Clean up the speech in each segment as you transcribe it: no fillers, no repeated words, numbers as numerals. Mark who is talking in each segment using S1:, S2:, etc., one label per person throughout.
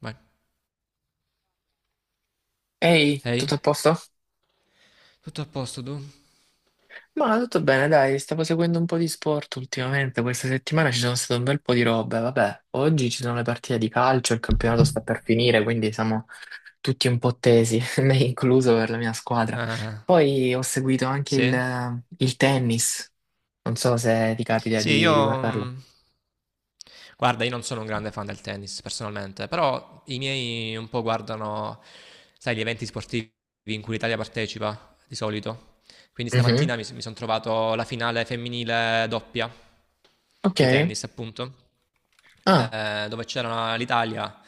S1: Vai.
S2: Ehi,
S1: Ehi? Hey?
S2: tutto a posto?
S1: Tutto a posto tu?
S2: Ma tutto bene, dai, stavo seguendo un po' di sport ultimamente. Questa settimana ci sono state un bel po' di robe, vabbè, oggi ci sono le partite di calcio, il campionato sta per finire, quindi siamo tutti un po' tesi, me incluso per la mia squadra.
S1: Ah,
S2: Poi ho seguito anche
S1: sì?
S2: il tennis, non so se ti capita
S1: Sì.
S2: di guardarlo.
S1: Guarda, io non sono un grande fan del tennis personalmente, però i miei un po' guardano, sai, gli eventi sportivi in cui l'Italia partecipa, di solito. Quindi
S2: Mhm.
S1: stamattina mi sono trovato la finale femminile doppia
S2: Ok,
S1: di tennis, appunto,
S2: ah,
S1: dove c'era l'Italia.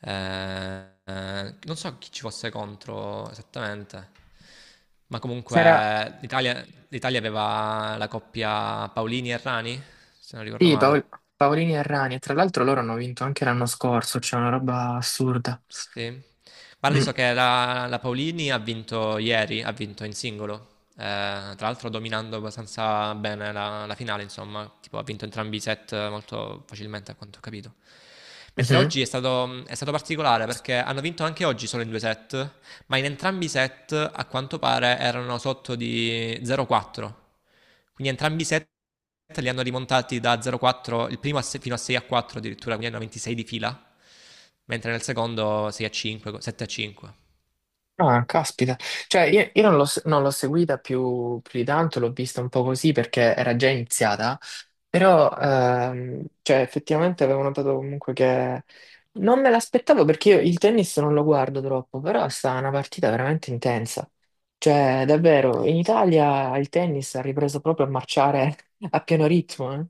S1: Non so chi ci fosse contro esattamente, ma
S2: sarà,
S1: comunque l'Italia aveva la coppia Paolini e Rani, se non ricordo
S2: sì.
S1: male.
S2: Paolini e Rani, e tra l'altro loro hanno vinto anche l'anno scorso, c'è una roba assurda.
S1: Sì. Guardi,
S2: Mm,
S1: so che la Paolini ha vinto ieri, ha vinto in singolo, tra l'altro dominando abbastanza bene la finale, insomma, tipo ha vinto entrambi i set molto facilmente a quanto ho capito. Mentre
S2: mhm.
S1: oggi è stato particolare perché hanno vinto anche oggi solo in due set, ma in entrambi i set a quanto pare erano sotto di 0,4. Quindi entrambi i set li hanno rimontati da 0,4, il primo a se- fino a 6 a 4 addirittura, quindi hanno 26 di fila, mentre nel secondo 6 a 5, 7 a 5.
S2: Ah, caspita. Cioè, io non l'ho seguita più di tanto, l'ho vista un po' così perché era già iniziata, però cioè, effettivamente avevo notato comunque che non me l'aspettavo perché io il tennis non lo guardo troppo, però è stata una partita veramente intensa. Cioè, davvero, in Italia il tennis ha ripreso proprio a marciare a pieno ritmo, eh.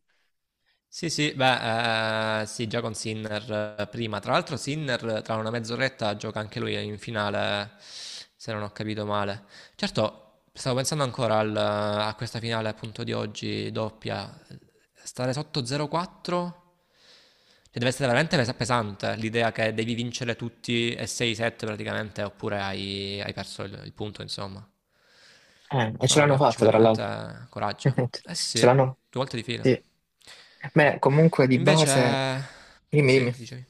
S1: Sì, sì, beh, sì, già con Sinner prima. Tra l'altro Sinner tra una mezz'oretta gioca anche lui in finale, se non ho capito male. Certo, stavo pensando ancora a questa finale appunto di oggi, doppia. Stare sotto 0-4, cioè deve essere veramente pesante l'idea che devi vincere tutti e 6-7 praticamente, oppure hai perso il punto, insomma.
S2: E ce
S1: Mamma
S2: l'hanno
S1: mia, ci
S2: fatta,
S1: vuole
S2: tra
S1: veramente
S2: l'altro.
S1: coraggio. Eh sì,
S2: Ce
S1: due
S2: l'hanno,
S1: volte di fila.
S2: sì. Beh, comunque di base,
S1: Invece.
S2: dimmi, dimmi.
S1: Sì, dicevi.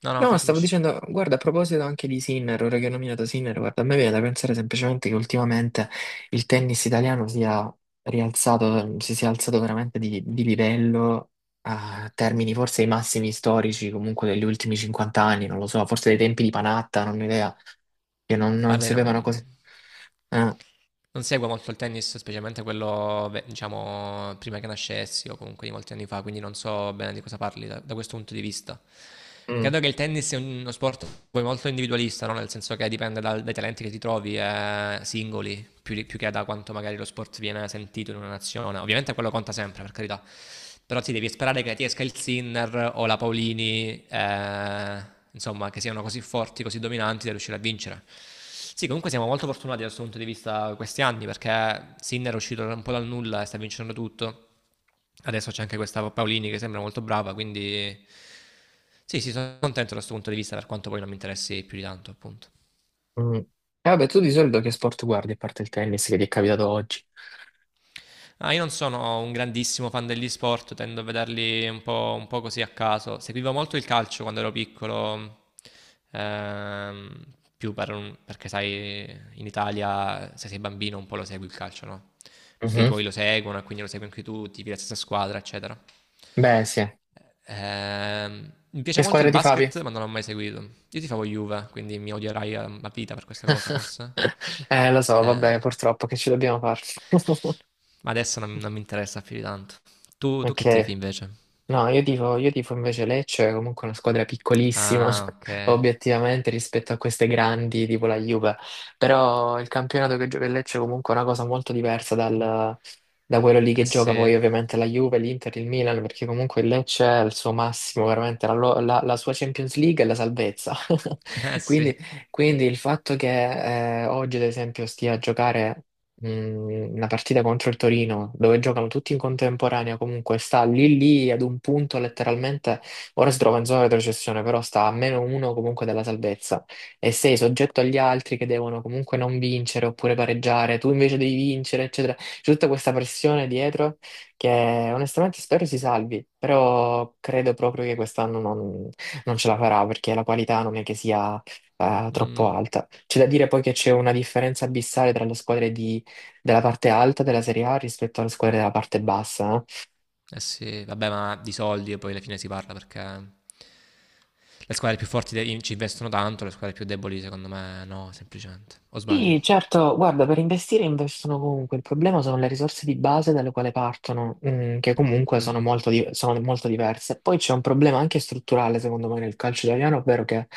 S1: No, no,
S2: No,
S1: fai
S2: stavo
S1: finisci.
S2: dicendo, guarda, a proposito anche di Sinner, ora che ho nominato Sinner, guarda, a me viene da pensare semplicemente che ultimamente il tennis italiano sia rialzato, si sia alzato veramente di livello a termini forse i massimi storici comunque degli ultimi 50 anni, non lo so, forse dei tempi di Panatta, non ho idea, che non
S1: Guarda,
S2: si
S1: io non,
S2: avevano cose... Ah,
S1: non seguo molto il tennis, specialmente quello, beh, diciamo, prima che nascessi o comunque di molti anni fa, quindi non so bene di cosa parli da questo punto di vista.
S2: mm,
S1: Credo che il tennis sia uno sport poi molto individualista, no? Nel senso che dipende dai talenti che ti trovi, singoli, più, più che da quanto magari lo sport viene sentito in una nazione. Ovviamente quello conta sempre, per carità. Però ti devi sperare che ti esca il Sinner o la Paolini, insomma, che siano così forti, così dominanti da riuscire a vincere. Sì, comunque siamo molto fortunati da questo punto di vista questi anni perché Sinner è uscito un po' dal nulla e sta vincendo tutto. Adesso c'è anche questa Paolini che sembra molto brava, quindi sì, sì, sono contento da questo punto di vista per quanto poi non mi interessi più di tanto, appunto.
S2: mm. E vabbè, tu di solito che sport guardi a parte il tennis che ti è capitato oggi?
S1: Ah, io non sono un grandissimo fan degli sport, tendo a vederli un po' così a caso. Seguivo molto il calcio quando ero piccolo, ehm, più perché sai, in Italia se sei bambino un po' lo segui il calcio, no? Perché i
S2: Mhm.
S1: tuoi lo seguono e quindi lo segui anche tu, tifi la stessa squadra, eccetera.
S2: Beh, sì.
S1: Mi piace
S2: Che
S1: molto il
S2: squadra ti favi?
S1: basket, ma non l'ho mai seguito. Io ti tifavo Juve, quindi mi odierai a vita per questa cosa, forse.
S2: Lo so, va
S1: Eh.
S2: bene, purtroppo che ci dobbiamo fare.
S1: Ma adesso non mi interessa più di tanto. Tu che tifi
S2: Ok.
S1: invece?
S2: No, io tifo invece Lecce, è comunque una squadra piccolissima,
S1: Ah, ok.
S2: obiettivamente, rispetto a queste grandi, tipo la Juve. Però il campionato che gioca il Lecce è comunque una cosa molto diversa da quello lì
S1: Eh
S2: che gioca
S1: sì,
S2: poi ovviamente la Juve, l'Inter, il Milan, perché comunque il Lecce è il suo massimo, veramente, la sua Champions League è la salvezza.
S1: eh
S2: Quindi,
S1: sì.
S2: quindi il fatto che oggi, ad esempio, stia a giocare la partita contro il Torino, dove giocano tutti in contemporanea, comunque sta lì lì ad un punto letteralmente, ora si trova in zona retrocessione, però sta a -1 comunque dalla salvezza e sei soggetto agli altri che devono comunque non vincere oppure pareggiare, tu invece devi vincere, eccetera. C'è tutta questa pressione dietro che onestamente spero si salvi, però credo proprio che quest'anno non ce la farà perché la qualità non è che sia troppo
S1: Mm,
S2: alta. C'è da dire poi che c'è una differenza abissale tra le squadre di della parte alta della Serie A rispetto alle squadre della parte bassa, eh.
S1: eh sì, vabbè, ma di soldi poi alla fine si parla perché le squadre più forti ci investono tanto, le squadre più deboli secondo me no, semplicemente. O sbaglio?
S2: Sì, certo, guarda, per investire investono comunque, il problema sono le risorse di base dalle quali partono, mm, che comunque sono
S1: Mm,
S2: molto, sono molto diverse. Poi c'è un problema anche strutturale, secondo me, nel calcio italiano, ovvero che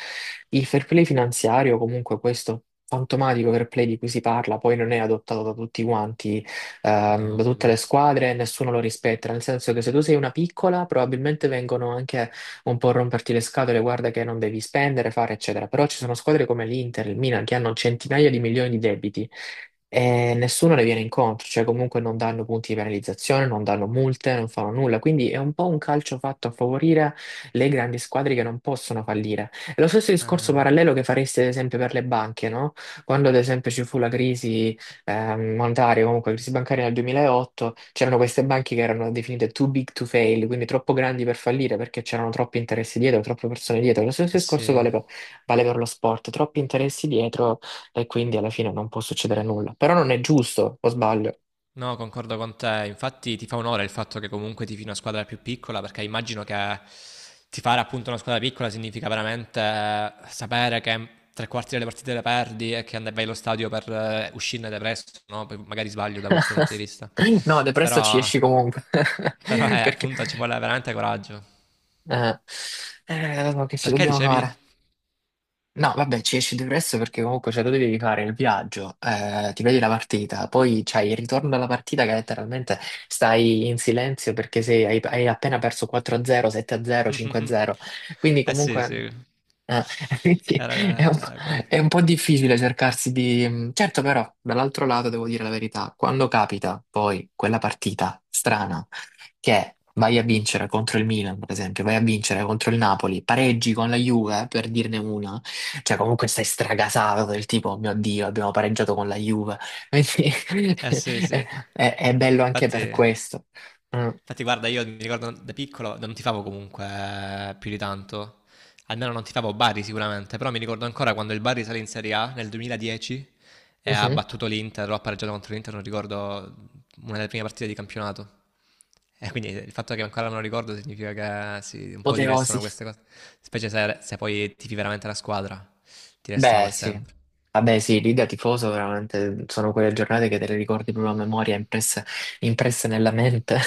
S2: il fair play finanziario, comunque questo fantomatico fair play di cui si parla, poi non è adottato da tutti quanti,
S1: no,
S2: da tutte le
S1: figurati.
S2: squadre, nessuno lo rispetta, nel senso che se tu sei una piccola, probabilmente vengono anche un po' romperti le scatole, guarda che non devi spendere, fare, eccetera. Però ci sono squadre come l'Inter, il Milan, che hanno centinaia di milioni di debiti e nessuno le viene incontro, cioè comunque non danno punti di penalizzazione, non danno multe, non fanno nulla. Quindi è un po' un calcio fatto a favorire le grandi squadre che non possono fallire. È lo stesso discorso
S1: Eh,
S2: parallelo che faresti ad esempio per le banche, no? Quando ad esempio ci fu la crisi monetaria, comunque la crisi bancaria nel 2008, c'erano queste banche che erano definite too big to fail, quindi troppo grandi per fallire perché c'erano troppi interessi dietro, troppe persone dietro. Lo stesso
S1: eh
S2: discorso
S1: sì.
S2: vale per lo sport, troppi interessi dietro e quindi alla fine non può succedere nulla. Però non è giusto, o sbaglio?
S1: No, concordo con te. Infatti ti fa onore il fatto che comunque tifi una squadra più piccola, perché immagino che tifare appunto una squadra piccola significa veramente sapere che tre quarti delle partite le perdi e che vai allo stadio per uscirne depresso, no? Poi magari sbaglio da questo punto di vista.
S2: No, depresso ci
S1: Però,
S2: esci comunque,
S1: però eh,
S2: perché...
S1: appunto ci vuole veramente coraggio.
S2: eh, che ci
S1: Perché
S2: dobbiamo
S1: dicevi?
S2: fare? No, vabbè, ci esci depresso perché comunque cioè, tu devi fare il viaggio, ti vedi la partita, poi c'hai il ritorno alla partita che letteralmente stai in silenzio perché hai appena perso 4-0, 7-0, 5-0. Quindi
S1: Eh sì,
S2: comunque
S1: sì.
S2: eh, quindi
S1: Era,
S2: è un, po'
S1: era quello che.
S2: è un po' difficile cercarsi di... Certo, però, dall'altro lato devo dire la verità, quando capita poi quella partita strana che vai a vincere contro il Milan, per esempio, vai a vincere contro il Napoli, pareggi con la Juve, per dirne una, cioè comunque stai stragasato del tipo, "Oh mio Dio, abbiamo pareggiato con la Juve." Quindi
S1: Eh sì,
S2: è,
S1: sì.
S2: è bello anche
S1: Infatti...
S2: per questo. Mm.
S1: Infatti, guarda, io mi ricordo da piccolo non tifavo comunque più di tanto. Almeno non tifavo Bari sicuramente, però mi ricordo ancora quando il Bari sale in Serie A nel 2010 e ha
S2: Mhm.
S1: battuto l'Inter, o ha pareggiato contro l'Inter, non ricordo, una delle prime partite di campionato. E quindi il fatto che ancora me lo ricordo significa che sì, un po' ti restano
S2: Apoteosi.
S1: queste cose, specie se poi tifi veramente la squadra, ti restano
S2: Beh,
S1: per
S2: sì.
S1: sempre.
S2: Vabbè, sì, lì da tifoso veramente sono quelle giornate che te le ricordi proprio a memoria, impresse nella mente.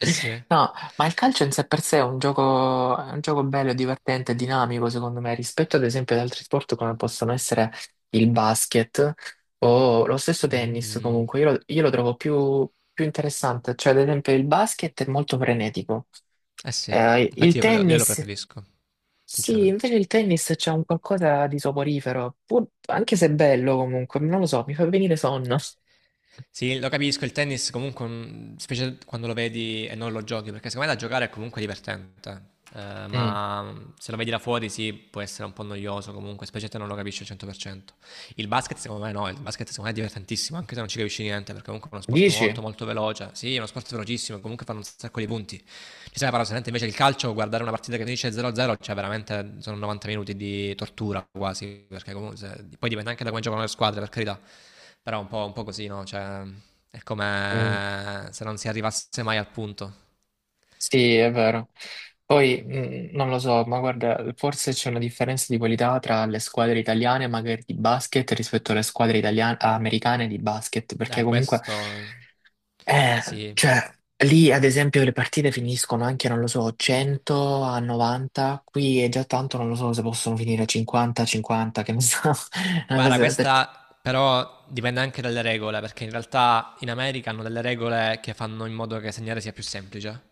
S1: Eh sì.
S2: No, ma il calcio in sé per sé è un gioco bello, divertente, dinamico, secondo me, rispetto ad esempio ad altri sport come possono essere il basket o lo stesso tennis,
S1: Mm,
S2: comunque. Io lo trovo più interessante, cioè ad esempio il basket è molto frenetico.
S1: eh sì,
S2: Il
S1: infatti io lo
S2: tennis.
S1: preferisco,
S2: Sì,
S1: sinceramente.
S2: invece il tennis c'è un qualcosa di soporifero, anche se è bello comunque, non lo so, mi fa venire sonno.
S1: Sì, lo capisco, il tennis comunque, specie quando lo vedi e non lo giochi, perché secondo me da giocare è comunque divertente.
S2: Mm.
S1: Ma se lo vedi da fuori sì, può essere un po' noioso comunque, specie se non lo capisci al 100%. Il basket secondo me no, il basket secondo me è divertentissimo, anche se non ci capisci niente, perché comunque è uno sport molto
S2: Dici?
S1: molto veloce. Sì, è uno sport velocissimo, comunque fanno un sacco di punti. Bisogna parlare solamente invece il calcio, guardare una partita che finisce 0-0, cioè veramente sono 90 minuti di tortura quasi, perché comunque poi dipende anche da come giocano le squadre, per carità, però è un po' così, no? Cioè, è
S2: Mm.
S1: come se non si arrivasse mai al punto.
S2: Sì, è vero. Poi mm, non lo so, ma guarda, forse c'è una differenza di qualità tra le squadre italiane magari di basket rispetto alle squadre italiane, americane di basket, perché comunque
S1: Questo
S2: eh,
S1: sì.
S2: cioè, lì ad esempio le partite finiscono anche, non lo so, 100 a 90, qui è già tanto, non lo so se possono finire 50 a 50, che ne so. Una
S1: Guarda,
S2: cosa
S1: questa però dipende anche dalle regole, perché in realtà in America hanno delle regole che fanno in modo che segnare sia più semplice.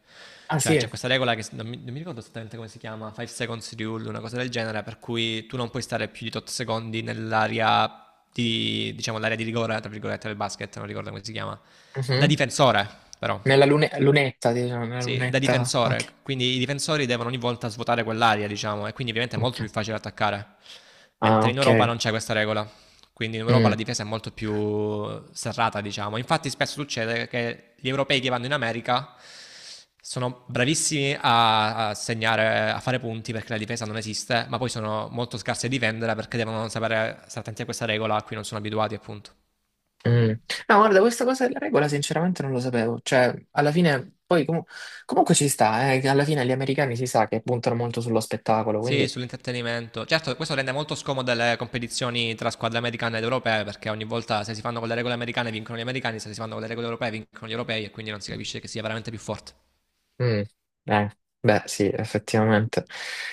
S2: ah sì,
S1: Cioè, c'è questa regola che non mi ricordo esattamente come si chiama, 5 seconds rule, una cosa del genere, per cui tu non puoi stare più di tot secondi nell'area di, diciamo, l'area di rigore, tra virgolette, del basket, non ricordo come si chiama, da
S2: mhm.
S1: difensore, però.
S2: Lunetta, diciamo, nella
S1: Sì, da
S2: lunetta.
S1: difensore,
S2: Ok.
S1: quindi i difensori devono ogni volta svuotare quell'area, diciamo, e quindi ovviamente è molto
S2: Ok.
S1: più facile attaccare.
S2: Ah,
S1: Mentre in Europa
S2: ok.
S1: non c'è questa regola, quindi in Europa
S2: Mm,
S1: la difesa è molto più serrata, diciamo. Infatti spesso succede che gli europei che vanno in America sono bravissimi a segnare, a fare punti perché la difesa non esiste, ma poi sono molto scarsi a difendere perché devono sapere stare attenti a questa regola a cui non sono abituati, appunto.
S2: mm. No, guarda, questa cosa della regola sinceramente non lo sapevo. Cioè, alla fine, poi comunque ci sta, che alla fine gli americani si sa che puntano molto sullo spettacolo,
S1: Sì,
S2: quindi...
S1: sull'intrattenimento. Certo, questo rende molto scomode le competizioni tra squadre americane ed europee, perché ogni volta se si fanno con le regole americane vincono gli americani, se si fanno con le regole europee vincono gli europei e quindi non si capisce che sia veramente più forte.
S2: Mm, eh, beh, sì, effettivamente.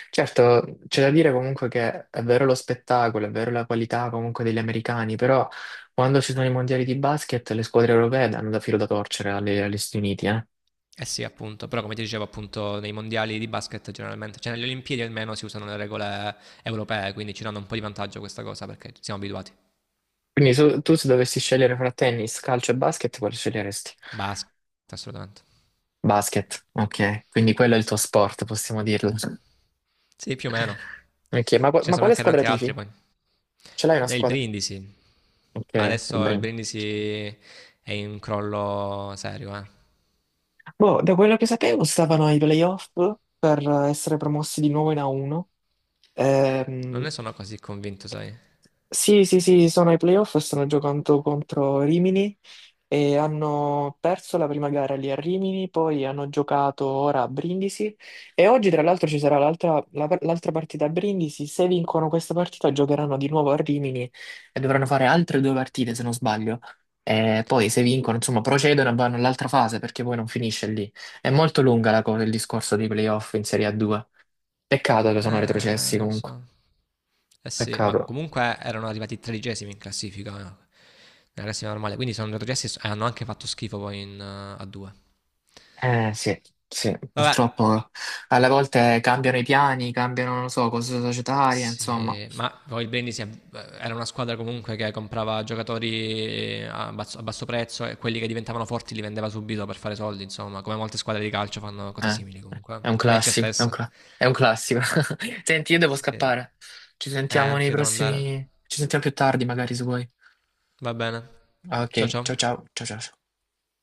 S2: Certo, c'è da dire comunque che è vero lo spettacolo, è vero la qualità comunque degli americani, però quando ci sono i mondiali di basket le squadre europee danno da filo da torcere agli Stati Uniti, eh.
S1: Eh sì, appunto, però come ti dicevo, appunto, nei mondiali di basket generalmente, cioè nelle Olimpiadi almeno si usano le regole europee, quindi ci danno un po' di vantaggio questa cosa perché siamo abituati.
S2: Quindi tu se dovessi scegliere fra tennis, calcio e basket, quale sceglieresti?
S1: Basket, assolutamente.
S2: Basket, ok. Quindi quello è il tuo sport, possiamo dirlo.
S1: Sì, più o meno.
S2: Ok,
S1: Ce ne
S2: ma
S1: sono
S2: quale
S1: anche
S2: squadra
S1: tanti altri
S2: tifi?
S1: poi.
S2: Ce l'hai una
S1: Nel
S2: squadra?
S1: Brindisi. Ma
S2: Ok,
S1: adesso il
S2: Brim.
S1: Brindisi è in crollo serio, eh.
S2: Boh, da quello che sapevo stavano ai playoff per essere promossi di nuovo in A1.
S1: Non
S2: Ehm,
S1: ne sono così convinto, sai.
S2: sì, sì, sì, sono ai playoff, stanno giocando contro Rimini e hanno perso la prima gara lì a Rimini, poi hanno giocato ora a Brindisi e oggi tra l'altro ci sarà l'altra partita a Brindisi, se vincono questa partita giocheranno di nuovo a Rimini e dovranno fare altre due partite se non sbaglio. E poi se vincono, insomma, procedono e vanno all'altra fase perché poi non finisce lì. È molto lunga la cosa, il discorso dei playoff in Serie A2. Peccato che sono retrocessi
S1: Lo
S2: comunque,
S1: so. Eh sì, ma
S2: peccato.
S1: comunque erano arrivati tredicesimi in classifica, nella classifica normale. Quindi sono retrocessi e hanno anche fatto schifo poi in, a due.
S2: Eh sì, sì,
S1: Vabbè.
S2: purtroppo alle volte cambiano i piani, cambiano, non lo so, cose societarie, insomma.
S1: Sì, ma poi il Brindisi era una squadra comunque che comprava giocatori a basso prezzo e quelli che diventavano forti li vendeva subito per fare soldi, insomma, come molte squadre di calcio fanno cose
S2: Eh,
S1: simili comunque. Eh.
S2: è un,
S1: Lecce
S2: classico, è un,
S1: stessa.
S2: è un classico. Senti, io devo
S1: Sì.
S2: scappare. Ci sentiamo nei
S1: Anch'io devo andare.
S2: prossimi... Ci sentiamo più tardi, magari, se vuoi.
S1: Va bene.
S2: Ok,
S1: Ciao ciao.
S2: ciao ciao, ciao ciao.